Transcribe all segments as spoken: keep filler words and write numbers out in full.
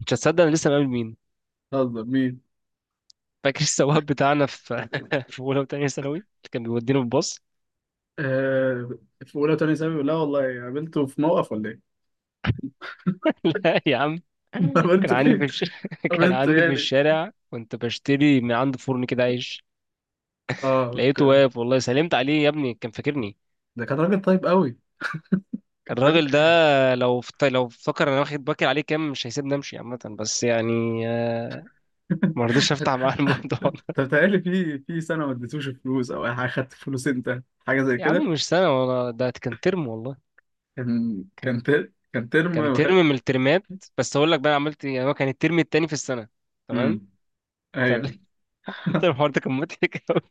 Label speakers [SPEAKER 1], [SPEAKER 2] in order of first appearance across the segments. [SPEAKER 1] مش هتصدق، انا لسه مقابل مين؟
[SPEAKER 2] هزر مين؟
[SPEAKER 1] فاكر السواق بتاعنا في في اولى وثانيه ثانوي اللي كان بيودينا بالباص؟
[SPEAKER 2] آه، في أولى تانية ثانوي، لا والله، قابلته في موقف ولا إيه؟
[SPEAKER 1] لا يا عم. كان
[SPEAKER 2] قابلته
[SPEAKER 1] عندي في
[SPEAKER 2] فين؟
[SPEAKER 1] الش... كان
[SPEAKER 2] قابلته
[SPEAKER 1] عندي في
[SPEAKER 2] يعني
[SPEAKER 1] الشارع، كنت بشتري من عند فرن كده عيش.
[SPEAKER 2] آه
[SPEAKER 1] لقيته
[SPEAKER 2] ك-.
[SPEAKER 1] واقف، والله سلمت عليه يا ابني، كان فاكرني.
[SPEAKER 2] ده كان راجل طيب قوي، كان راجل.
[SPEAKER 1] الراجل ده لو فت... لو فكر انا واخد باكر عليه كام، مش هيسيبني امشي. عامه بس يعني، آه، ما رضيتش افتح معاه الموضوع ده.
[SPEAKER 2] أنت بتهيألي في في سنة ما اديتوش فلوس أو أي حاجة، خدت فلوس أنت حاجة زي
[SPEAKER 1] يا
[SPEAKER 2] كده.
[SPEAKER 1] عم مش سنه، والله ده كان ترم والله.
[SPEAKER 2] كان
[SPEAKER 1] كان
[SPEAKER 2] كان تر... كان ترم
[SPEAKER 1] كان
[SPEAKER 2] وخ-.
[SPEAKER 1] ترم من الترمات. بس اقول لك بقى أنا عملت إيه. يعني هو كان الترم التاني في السنه، تمام؟
[SPEAKER 2] مم. أيوه.
[SPEAKER 1] فال مثلا الحوار ده كان مضحك أوي.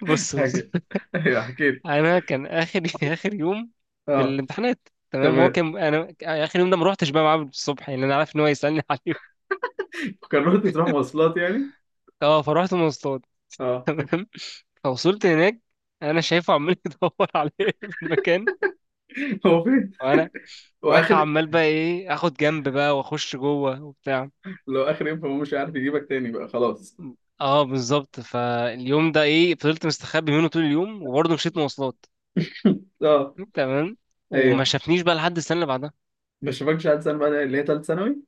[SPEAKER 1] بص بص،
[SPEAKER 2] حكي. أيوه حكيت.
[SPEAKER 1] انا كان اخر اخر يوم في
[SPEAKER 2] آه،
[SPEAKER 1] الامتحانات، تمام؟ هو
[SPEAKER 2] تمام.
[SPEAKER 1] كان انا اخر يوم ده ما روحتش بقى معاه الصبح، يعني انا عارف ان هو يسالني عليه.
[SPEAKER 2] كان رحت تروح مواصلات يعني.
[SPEAKER 1] اه، فرحت مواصلات،
[SPEAKER 2] آه.
[SPEAKER 1] تمام. فوصلت هناك، انا شايفه عمال يدور عليا في المكان.
[SPEAKER 2] هو فين؟
[SPEAKER 1] وانا وانا
[SPEAKER 2] وآخر.
[SPEAKER 1] عمال بقى ايه، اخد جنب بقى واخش جوه وبتاع.
[SPEAKER 2] لو آخر يوم فهو مش عارف يجيبك تاني بقى، خلاص.
[SPEAKER 1] اه بالظبط، فاليوم ده ايه، فضلت مستخبي منه طول اليوم وبرضه مشيت مواصلات،
[SPEAKER 2] آه.
[SPEAKER 1] تمام.
[SPEAKER 2] ايوه،
[SPEAKER 1] وما شافنيش بقى لحد السنه اللي بعدها.
[SPEAKER 2] ما شافكش عاد سنة بقى اللي هي تالت ثانوي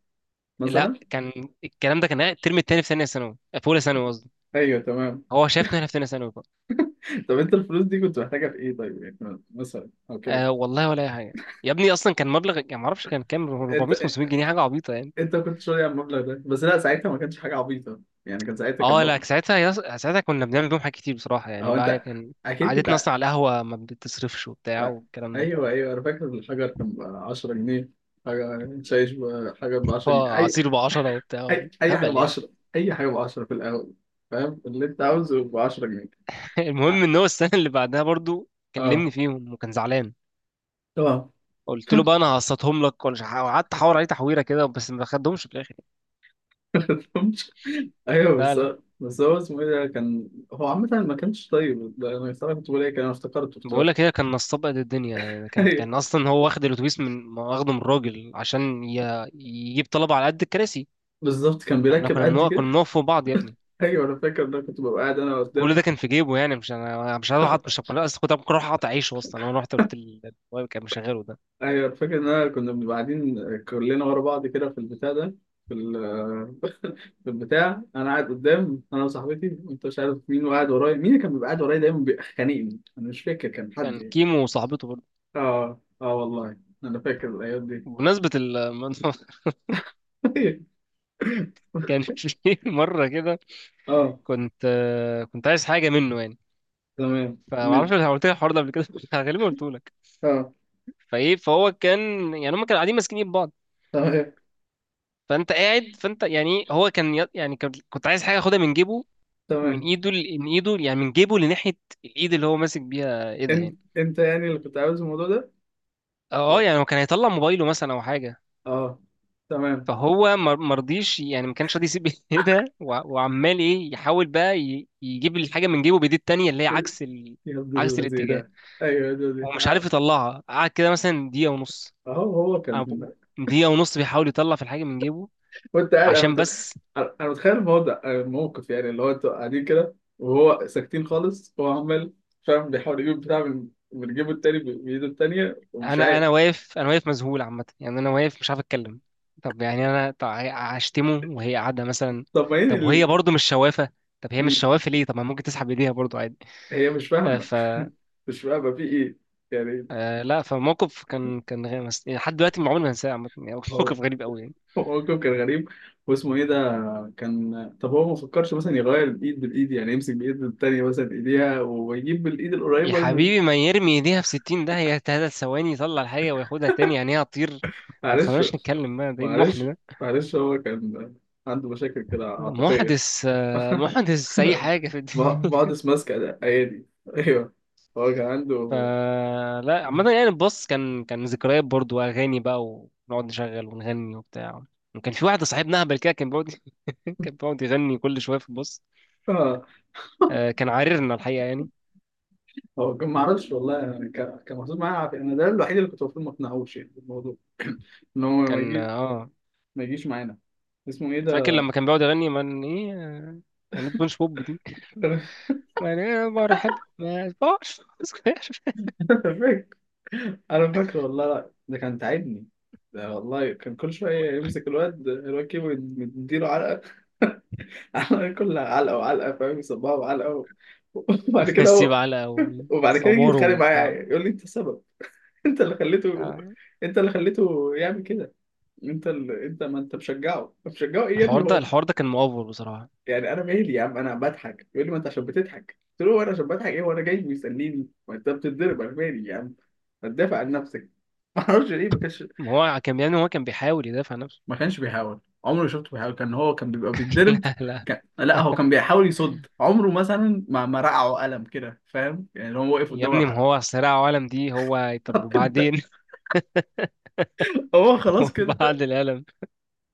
[SPEAKER 1] لا،
[SPEAKER 2] مثلا.
[SPEAKER 1] كان الكلام ده كان الترم التاني في ثانيه ثانوي، آه، في اولى ثانوي قصدي.
[SPEAKER 2] ايوه تمام.
[SPEAKER 1] هو شافنا هنا في ثانيه ثانوي بقى.
[SPEAKER 2] طب انت الفلوس دي كنت محتاجها في ايه طيب، يعني مثلا او كده.
[SPEAKER 1] آه والله، ولا اي حاجه. يا ابني اصلا كان مبلغ، يعني ما اعرفش كان كام،
[SPEAKER 2] انت
[SPEAKER 1] أربعمائة خمسمية جنيه، حاجه عبيطه يعني.
[SPEAKER 2] انت كنت شاري على المبلغ ده بس؟ لا ساعتها ما كانش حاجه عبيطه يعني، كان ساعتها كان
[SPEAKER 1] اه لا
[SPEAKER 2] مبلغ.
[SPEAKER 1] ساعتها، يص... ساعتها كنا بنعمل بيهم حاجات كتير بصراحه، يعني
[SPEAKER 2] اهو
[SPEAKER 1] بقى
[SPEAKER 2] انت،
[SPEAKER 1] كان
[SPEAKER 2] اكيد كنت
[SPEAKER 1] عادتنا
[SPEAKER 2] ع-.
[SPEAKER 1] اصلا على القهوه، ما بتصرفش
[SPEAKER 2] أ-،
[SPEAKER 1] وبتاع والكلام ده.
[SPEAKER 2] ايوه ايوه، انا فاكر الحجر كان ب عشرة جنيه. حاجه شايش ب- حجر ب عشرة جنيه. اي
[SPEAKER 1] فعصير ب عشرة وبتاع،
[SPEAKER 2] اي، اي حاجه
[SPEAKER 1] هبل
[SPEAKER 2] ب
[SPEAKER 1] يعني.
[SPEAKER 2] عشرة، اي حاجه ب عشرة في القهوه. فاهم اللي انت عاوزه ب عشرة جنيه.
[SPEAKER 1] المهم ان هو السنه اللي بعدها برضو
[SPEAKER 2] اه
[SPEAKER 1] كلمني فيهم وكان زعلان.
[SPEAKER 2] تمام.
[SPEAKER 1] قلت له بقى انا هقسطهم لك ولا مش ه- قعدت احاور عليه تحويره كده، بس ما خدهمش في الاخر يعني.
[SPEAKER 2] ايوه
[SPEAKER 1] لا
[SPEAKER 2] بس.
[SPEAKER 1] لا.
[SPEAKER 2] بس هو اسمه ايه ده؟ كان هو عامة ما كانش طيب ده، انا صراحة كنت بقول ايه، كان انا افتكرته،
[SPEAKER 1] بقول
[SPEAKER 2] افتكرت.
[SPEAKER 1] لك هي كان نصاب قد الدنيا يعني. كان
[SPEAKER 2] أيوة.
[SPEAKER 1] كان اصلا هو واخد الاتوبيس، من واخده من الراجل عشان ي- يجيب طلبه على قد الكراسي.
[SPEAKER 2] بالظبط، كان
[SPEAKER 1] احنا
[SPEAKER 2] بيركب
[SPEAKER 1] كنا
[SPEAKER 2] قد
[SPEAKER 1] بنوقف
[SPEAKER 2] كده.
[SPEAKER 1] كنا بنقف فوق بعض يا ابني.
[SPEAKER 2] ايوه انا فاكر، ده كنت ببقى قاعد انا
[SPEAKER 1] كل
[SPEAKER 2] قدام.
[SPEAKER 1] ده كان في جيبه، يعني مش انا. أنا مش هروح أقعد- مش هبقى- أنا اصلا كنت ممكن اروح اقطع عيشه اصلا لو انا رحت، قلت ال- الواد كان مشغله ده.
[SPEAKER 2] ايوه أنا فاكر ان انا كنا بنبقى قاعدين كلنا ورا بعض كده في البتاع ده، في ال-. في البتاع انا قاعد قدام، انا وصاحبتي، وانت مش عارف مين، وقاعد ورايا مين؟ اللي كان بيبقى قاعد ورايا دايما بيخانقني، انا مش فاكر كان حد
[SPEAKER 1] كان
[SPEAKER 2] يعني.
[SPEAKER 1] كيمو وصاحبته برضه.
[SPEAKER 2] اه اه والله، انا فاكر الايام دي.
[SPEAKER 1] بمناسبة الموضوع، كان في مرة كده،
[SPEAKER 2] اه
[SPEAKER 1] كنت كنت عايز حاجة منه يعني.
[SPEAKER 2] تمام من.
[SPEAKER 1] فمعرفش لو قلت لك الحوار ده قبل كده، غالبا قلت لك.
[SPEAKER 2] اه
[SPEAKER 1] فايه، فهو كان، يعني هم كانوا قاعدين ماسكين ايد بعض.
[SPEAKER 2] تمام.
[SPEAKER 1] فانت قاعد، فانت يعني هو كان ي- يعني كان- كنت عايز حاجه اخدها من جيبه، من
[SPEAKER 2] تمام.
[SPEAKER 1] ايده ل- من ايده يعني، من جيبه لناحيه الايد اللي هو ماسك بيها، ايه ده
[SPEAKER 2] انت
[SPEAKER 1] يعني.
[SPEAKER 2] انت يعني اللي كنت عاوز الموضوع ده. و-،
[SPEAKER 1] اه يعني هو كان هيطلع موبايله مثلا او حاجه.
[SPEAKER 2] اه تمام.
[SPEAKER 1] فهو ما ما رضيش يعني، ما كانش راضي يسيب ايه ده. وع- وعمال ايه، يحاول بقى ي- يجيب الحاجه من جيبه بايديه التانيه اللي هي عكس ال...
[SPEAKER 2] يا ابن
[SPEAKER 1] عكس
[SPEAKER 2] الذين.
[SPEAKER 1] الاتجاه.
[SPEAKER 2] ايوه يا دودي.
[SPEAKER 1] هو مش عارف يطلعها، قعد كده مثلا دقيقه ونص.
[SPEAKER 2] اهو هو كان.
[SPEAKER 1] أو- دقيقه ونص بيحاول يطلع في الحاجه من جيبه
[SPEAKER 2] وانت قاعد انا
[SPEAKER 1] عشان
[SPEAKER 2] مت...
[SPEAKER 1] بس.
[SPEAKER 2] انا متخيل الموضوع، الموقف يعني، اللي هو انتوا قاعدين كده وهو ساكتين خالص، هو عمال. فاهم بيحاول يجيب بتاع من من جيبه التاني ب- بايده التانية، ومش
[SPEAKER 1] انا
[SPEAKER 2] عارف.
[SPEAKER 1] انا واقف، انا واقف مذهول عامه يعني، انا واقف مش عارف اتكلم. طب يعني انا، طب هشتمه وهي قاعده مثلا؟
[SPEAKER 2] طب ما هي
[SPEAKER 1] طب وهي
[SPEAKER 2] ال-.
[SPEAKER 1] برضو مش شوافه. طب هي
[SPEAKER 2] مم.
[SPEAKER 1] مش شوافه ليه؟ طب ما ممكن تسحب ايديها برضو عادي.
[SPEAKER 2] هي مش
[SPEAKER 1] آه،
[SPEAKER 2] فاهمة.
[SPEAKER 1] ف
[SPEAKER 2] مش فاهمة في ايه يعني.
[SPEAKER 1] آه، لا فموقف كان كان غير مس- يعني لحد دلوقتي عمري ما هنساه عامه يعني.
[SPEAKER 2] هو
[SPEAKER 1] موقف غريب قوي يعني.
[SPEAKER 2] هو موقف كان غريب. واسمه ايه ده؟ كان طب هو ما فكرش مثلا يغير الايد بالايد، يعني يمسك بايد التانية مثلا ايديها ويجيب بالايد
[SPEAKER 1] يا
[SPEAKER 2] القريبة من.
[SPEAKER 1] حبيبي، ما يرمي ايديها في ستين، ده هي ثلاث ثواني يطلع الحاجه وياخدها تاني يعني، هي هتطير. ما
[SPEAKER 2] معلش
[SPEAKER 1] تخليناش نتكلم بقى، ده ايه المحن
[SPEAKER 2] معلش،
[SPEAKER 1] ده؟
[SPEAKER 2] معلش هو كان عنده مشاكل كده عاطفية.
[SPEAKER 1] محدث آه، محدث اي حاجه في.
[SPEAKER 2] مم. بعضس ماسكة ايادي. ايوه، هو كان عنده.
[SPEAKER 1] فلا عامة يعني الباص كان، كان ذكريات برضو، أغاني بقى ونقعد نشغل ونغني وبتاع. وكان في واحد صاحبنا أهبل كده، كان بيقعد كان بيقعد يغني كل شوية في الباص.
[SPEAKER 2] آه،
[SPEAKER 1] آه، كان عاررنا الحقيقة يعني.
[SPEAKER 2] هو كان معرفش والله يعني، كان كان محطوط معايا عافية، انا ده الوحيد اللي كنت المفروض ما اقنعهوش يعني بالموضوع، ان هو ما
[SPEAKER 1] كان
[SPEAKER 2] يجي،
[SPEAKER 1] اه.
[SPEAKER 2] ما يجيش معانا. اسمه ايه
[SPEAKER 1] فاكر
[SPEAKER 2] ده؟
[SPEAKER 1] لما كان بيقعد يغني من ايه، آه، أغنية بونش بوب دي. من ايه، برحب ما يسمعش.
[SPEAKER 2] فاكر. انا فاكره والله، لا ده كان تعبني. ده والله كان كل شويه يمسك الواد، الواد كيمو يديله علقه. علقه، كلها علقه وعلقه، فاهم، يصبها وعلقه و-. وبعد كده
[SPEAKER 1] نسيب
[SPEAKER 2] هو.
[SPEAKER 1] علقة
[SPEAKER 2] وبعد كده يجي
[SPEAKER 1] وصباره
[SPEAKER 2] يتخانق
[SPEAKER 1] وبتاع.
[SPEAKER 2] معايا يقول لي انت السبب، انت اللي خليته،
[SPEAKER 1] آه،
[SPEAKER 2] انت اللي خليته يعمل كده. انت اللي-، انت ما انت مشجعه، مشجعه ايه يا ابني
[SPEAKER 1] الحوار ده،
[SPEAKER 2] هو.
[SPEAKER 1] الحوار ده كان مؤفر بصراحة.
[SPEAKER 2] يعني انا مالي يا عم، انا بضحك، يقول لي ما انت عشان بتضحك، قلت له هو انا عشان بضحك ايه، وانا جاي بيسليني، ما انت بتتضرب انا مالي يا عم. ما تدافع عن نفسك. ما اعرفش ليه ما كانش.
[SPEAKER 1] ما هو كان يعني، هو كان بيحاول يدافع عن نفسه.
[SPEAKER 2] ما كانش بيحاول، عمري ما شفته بيحاول، كان هو كان بيبقى بيتضرب.
[SPEAKER 1] لا لا.
[SPEAKER 2] كان-، لا هو كان بيحاول يصد عمره مثلا، ما ما رقعه قلم كده فاهم يعني، لو هو واقف
[SPEAKER 1] يا
[SPEAKER 2] قدامه
[SPEAKER 1] ابني
[SPEAKER 2] راح.
[SPEAKER 1] ما هو صراع عالم دي، هو طب
[SPEAKER 2] انت.
[SPEAKER 1] وبعدين؟
[SPEAKER 2] هو خلاص
[SPEAKER 1] وبعد
[SPEAKER 2] كده،
[SPEAKER 1] العالم.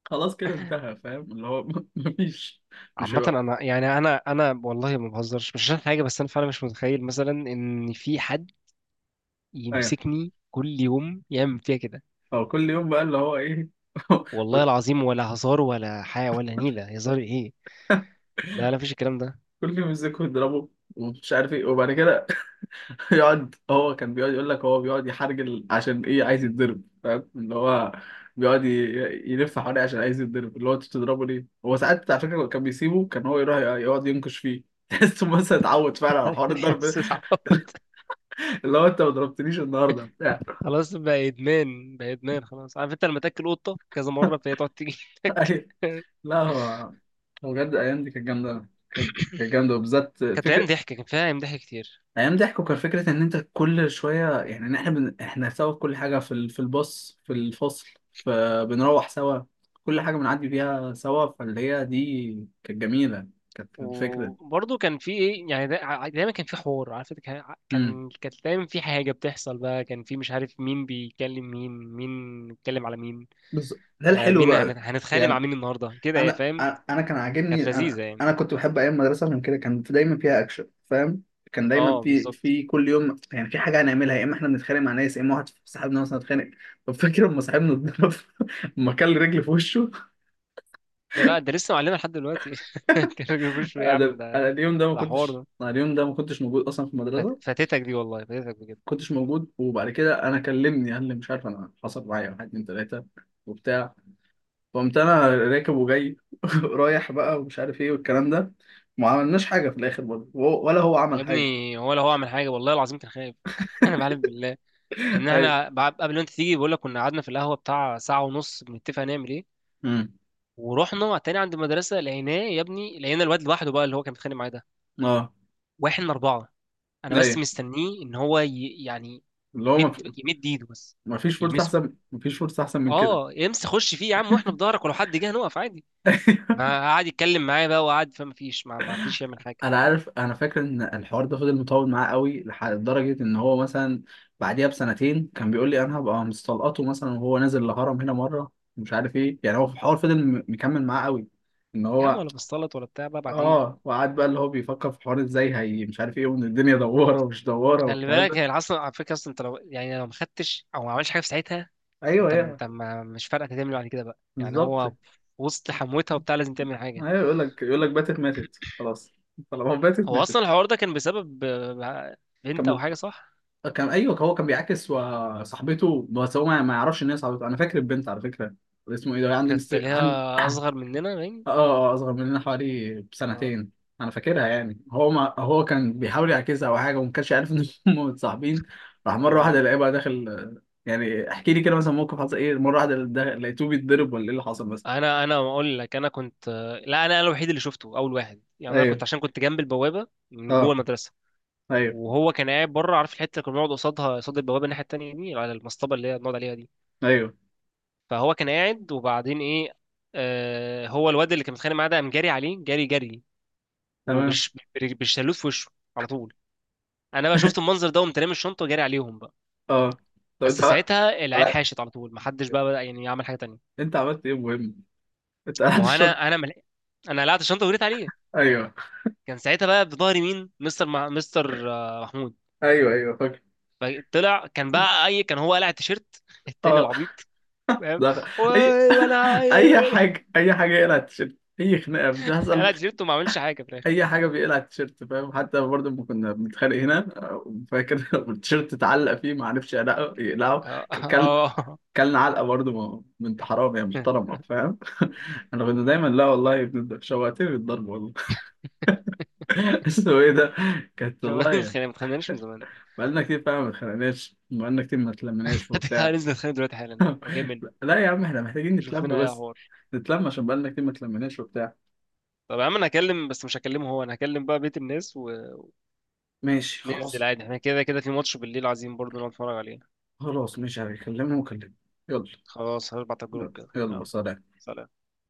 [SPEAKER 2] خلاص كده انتهى، فاهم اللي هو. مفيش، مش
[SPEAKER 1] عامة
[SPEAKER 2] هيبقى.
[SPEAKER 1] انا يعني، انا انا والله ما بهزرش، مش عشان حاجة، بس انا فعلا مش متخيل مثلا ان في حد
[SPEAKER 2] ايوه.
[SPEAKER 1] يمسكني كل يوم يعمل فيها كده.
[SPEAKER 2] هو كل يوم بقى اللي هو ايه.
[SPEAKER 1] والله
[SPEAKER 2] بس
[SPEAKER 1] العظيم ولا هزار ولا حاجة، ولا نيلة هزار ايه. لا لا، مفيش الكلام ده.
[SPEAKER 2] كل يوم يمسكه يضربه ومش عارف ايه، وبعد كده. يقعد، هو كان بيقعد يقول لك هو بيقعد يحرجل، عشان ايه؟ عايز يتضرب، فاهم اللي هو، بيقعد ي- يلف حواليه عشان عايز يتضرب، اللي هو انت بتضربه ليه؟ هو ساعات على فكره كان بيسيبه، كان هو يروح يقعد ينكش فيه. تحسه مثلا اتعود فعلا على حوار الضرب ده.
[SPEAKER 1] استعبط.
[SPEAKER 2] اللي هو انت ما ضربتنيش النهارده بتاع.
[SPEAKER 1] خلاص بقى ادمان بقى، ادمان خلاص. عارف انت لما تاكل قطة كذا مرة فهي تقعد تيجي لك.
[SPEAKER 2] أي-، لا هو. هو بجد الايام دي كانت جامده، كانت كانت جامده، وبالذات
[SPEAKER 1] كانت ايام
[SPEAKER 2] فكره.
[SPEAKER 1] ضحك، كان فيها ايام ضحك كتير.
[SPEAKER 2] ايام ضحكوا، كان فكره ان انت كل شويه يعني، إن احنا بن-، احنا سوا في كل حاجه، في ال-، في الباص، في الفصل، فبنروح سوا، كل حاجه بنعدي بيها سوا، فاللي هي دي كانت جميله، كانت الفكره.
[SPEAKER 1] وبرضه كان في ايه يعني، دا- دايما كان في حوار، عارف انت، كان،
[SPEAKER 2] امم.
[SPEAKER 1] كان كانت دايما في حاجه بتحصل بقى. كان في مش عارف مين بيكلم مين، مين بيتكلم على مين.
[SPEAKER 2] بس ده
[SPEAKER 1] آه،
[SPEAKER 2] الحلو
[SPEAKER 1] مين هن-
[SPEAKER 2] بقى
[SPEAKER 1] هنتخانق مع
[SPEAKER 2] يعني.
[SPEAKER 1] مين النهارده كده يا
[SPEAKER 2] انا
[SPEAKER 1] فاهم.
[SPEAKER 2] انا أنا كان عاجبني،
[SPEAKER 1] كانت
[SPEAKER 2] انا
[SPEAKER 1] لذيذه يعني.
[SPEAKER 2] انا كنت بحب ايام المدرسه عشان كده، كان في-، دايما فيها اكشن فاهم. كان دايما
[SPEAKER 1] اه
[SPEAKER 2] في
[SPEAKER 1] بالظبط.
[SPEAKER 2] في كل يوم يعني في حاجه هنعملها، يا اما احنا بنتخانق مع ناس، يا اما واحد صاحبنا مثلا اتخانق. طب فاكر لما صاحبنا. لما كل رجل في وشه.
[SPEAKER 1] كان، لا ده لسه معلمه لحد دلوقتي. كان بيقول يا عم
[SPEAKER 2] انا انا
[SPEAKER 1] ده،
[SPEAKER 2] اليوم ده ما
[SPEAKER 1] ده حوار
[SPEAKER 2] كنتش
[SPEAKER 1] ده،
[SPEAKER 2] أنا اليوم ده ما كنتش موجود اصلا في المدرسه، ما
[SPEAKER 1] فات- فاتتك دي، والله فاتتك بجد.
[SPEAKER 2] كنتش موجود. وبعد كده انا كلمني قال لي مش عارف، انا حصل معايا واحد اتنين تلاته وبتاع، فقمت انا راكب وجاي. رايح بقى ومش عارف ايه والكلام ده، ما عملناش حاجه في الاخر برضه، وهو-، ولا هو
[SPEAKER 1] يا
[SPEAKER 2] عمل حاجه.
[SPEAKER 1] ابني هو لو هو عمل حاجه والله العظيم كان خايف. انا بعلم بالله ان
[SPEAKER 2] ايوه.
[SPEAKER 1] احنا بعد- قبل ما انت تيجي، بقول لك كنا قعدنا في القهوه بتاع ساعه ونص بنتفق نعمل ايه.
[SPEAKER 2] امم.
[SPEAKER 1] ورحنا تاني عند المدرسه، لقيناه يا ابني، لقينا الواد لوحده بقى اللي هو كان بيتخانق معاه ده،
[SPEAKER 2] اه
[SPEAKER 1] واحد من اربعه. انا بس
[SPEAKER 2] ايوه،
[SPEAKER 1] مستنيه ان هو ي... يعني
[SPEAKER 2] اللي هو ما في-،
[SPEAKER 1] يمد يمد ايده بس،
[SPEAKER 2] ما فيش فرصه
[SPEAKER 1] يلمسه.
[SPEAKER 2] احسن، ما فيش فرصه احسن من كده.
[SPEAKER 1] اه امسك خش فيه يا عم، واحنا في ظهرك، ولو حد جه هنقف عادي. ما قعد يتكلم معايا بقى وقعد، فما فيش، ما ما رضيش يعمل حاجه.
[SPEAKER 2] انا عارف، انا فاكر ان الحوار ده فضل مطول معاه قوي لح- لدرجه ان هو مثلا بعديها بسنتين كان بيقول لي انا هبقى مستلقطه مثلا وهو نازل الهرم هنا مره، مش عارف ايه. يعني هو في الحوار فضل م- مكمل معاه قوي، ان
[SPEAKER 1] يا عم
[SPEAKER 2] هو.
[SPEAKER 1] ولا بصلت ولا بتاع بقى بعد ايه.
[SPEAKER 2] اه وقعد بقى اللي هو بيفكر في حوار ازاي هي مش عارف ايه، وان الدنيا دواره ومش دواره
[SPEAKER 1] خلي
[SPEAKER 2] والكلام
[SPEAKER 1] بالك
[SPEAKER 2] ده.
[SPEAKER 1] هي اصلا على فكره، اصلا انت لو يعني لو ما خدتش او ما عملش حاجه في ساعتها،
[SPEAKER 2] ايوه
[SPEAKER 1] انت
[SPEAKER 2] ايوه،
[SPEAKER 1] انت ما مش فارقه تعمل إيه بعد كده بقى يعني.
[SPEAKER 2] بالظبط.
[SPEAKER 1] هو في وسط حموتها وبتاع لازم تعمل حاجه.
[SPEAKER 2] ايوه، يقول لك، يقول لك باتت ماتت خلاص، طالما باتت
[SPEAKER 1] هو اصلا
[SPEAKER 2] ماتت.
[SPEAKER 1] الحوار ده كان بسبب آه، بنت او
[SPEAKER 2] كمل.
[SPEAKER 1] حاجه، صح؟
[SPEAKER 2] كان ايوه، هو كان بيعاكس و- صاحبته، بس هو ما ما يعرفش ان هي صاحبته. انا فاكر البنت على فكره، اسمه ايه ده، عندي
[SPEAKER 1] كانت
[SPEAKER 2] مست-،
[SPEAKER 1] اللي هي
[SPEAKER 2] عندي.
[SPEAKER 1] اصغر مننا باين.
[SPEAKER 2] اه، آه، آه، اصغر مننا حوالي
[SPEAKER 1] اه
[SPEAKER 2] بسنتين. انا فاكرها يعني، هو ما هو كان بيحاول يعكسها او حاجه وما كانش عارف ان هم متصاحبين. راح مره واحده
[SPEAKER 1] اه.
[SPEAKER 2] الاقيه بقى داخل، يعني احكي لي كده مثلا موقف حصل ايه، مره واحده دا- لقيته بيتضرب ولا ايه اللي حصل مثلا؟
[SPEAKER 1] انا انا اقول لك، انا كنت، لا انا انا الوحيد اللي شفته اول واحد يعني. انا
[SPEAKER 2] ايوه.
[SPEAKER 1] كنت عشان كنت جنب البوابه من جوه
[SPEAKER 2] اه.
[SPEAKER 1] المدرسه،
[SPEAKER 2] ايوه
[SPEAKER 1] وهو كان قاعد بره. عارف الحته اللي كنا بنقعد قصادها، قصاد البوابه الناحيه التانيه دي، على المصطبه اللي هي بنقعد عليها دي.
[SPEAKER 2] ايوه
[SPEAKER 1] فهو كان قاعد، وبعدين ايه، آه هو الواد اللي كان متخانق معاه ده قام جاري عليه، جاري جري،
[SPEAKER 2] تمام.
[SPEAKER 1] وبالشلوت في وشه على طول. انا بقى شفت المنظر ده وقمت رامي الشنطه وجاري عليهم،
[SPEAKER 2] اه. طب انت
[SPEAKER 1] بس
[SPEAKER 2] بقى،
[SPEAKER 1] ساعتها العيال حاشت على طول، محدش بقى بدأ يعني يعمل حاجه تانية.
[SPEAKER 2] انت عملت ايه مهم؟ انت قاعد
[SPEAKER 1] ما هو
[SPEAKER 2] الشط.
[SPEAKER 1] انا، انا مل... انا قلعت الشنطه وجريت عليه.
[SPEAKER 2] ايوه
[SPEAKER 1] كان ساعتها بقى بظهري مين، مستر مع... مستر آه، محمود.
[SPEAKER 2] ايوه. ايوه فاكر.
[SPEAKER 1] طلع كان بقى اي، كان هو قلع التيشيرت التاني
[SPEAKER 2] اه
[SPEAKER 1] العبيط فاهم.
[SPEAKER 2] ده.
[SPEAKER 1] و-
[SPEAKER 2] اي.
[SPEAKER 1] وانا
[SPEAKER 2] اي حاجه، اي حاجه يقلع التيشيرت، اي خناقه بتحصل.
[SPEAKER 1] قلع التيشيرت وما عملش حاجه في الاخر.
[SPEAKER 2] اي حاجه بيقلع التيشيرت فاهم، حتى برضه لما كنا بنتخانق هنا، آه، فاكر. التيشيرت اتعلق فيه، ما عرفش يقلعه يقلعه.
[SPEAKER 1] اه
[SPEAKER 2] ك- كل،
[SPEAKER 1] آه.
[SPEAKER 2] كلنا علقه برضه، ما- ما انت حرام يا محترمه فاهم. انا كنت دايما، لا والله يا ابني شوقتني بالضرب والله. اسمه ايه ده؟ كانت
[SPEAKER 1] لو ما
[SPEAKER 2] والله.
[SPEAKER 1] اتخانقناش من زمان.
[SPEAKER 2] بقالنا كتير فعلا ما اتخانقناش، بقالنا كتير ما اتلمناش وبتاع.
[SPEAKER 1] هننزل نتخانق دلوقتي حالا، هو جاي مني.
[SPEAKER 2] لا يا عم، احنا محتاجين
[SPEAKER 1] شوف لنا
[SPEAKER 2] نتلم
[SPEAKER 1] إيه يا
[SPEAKER 2] بس،
[SPEAKER 1] حوار.
[SPEAKER 2] نتلم عشان بقالنا كتير ما اتلمناش وبتاع.
[SPEAKER 1] طب يا عم انا هكلم، بس مش هكلمه هو، انا هكلم بقى بيت الناس. و
[SPEAKER 2] ماشي
[SPEAKER 1] ننزل
[SPEAKER 2] خلاص.
[SPEAKER 1] عادي، احنا كده كده في ماتش بالليل عايزين برضه نقعد نتفرج عليه.
[SPEAKER 2] خلاص ماشي، هكلمهم وكلمهم. يلا.
[SPEAKER 1] خلاص هبعت على الجروب كده،
[SPEAKER 2] يلا
[SPEAKER 1] يلا
[SPEAKER 2] سلام.
[SPEAKER 1] سلام.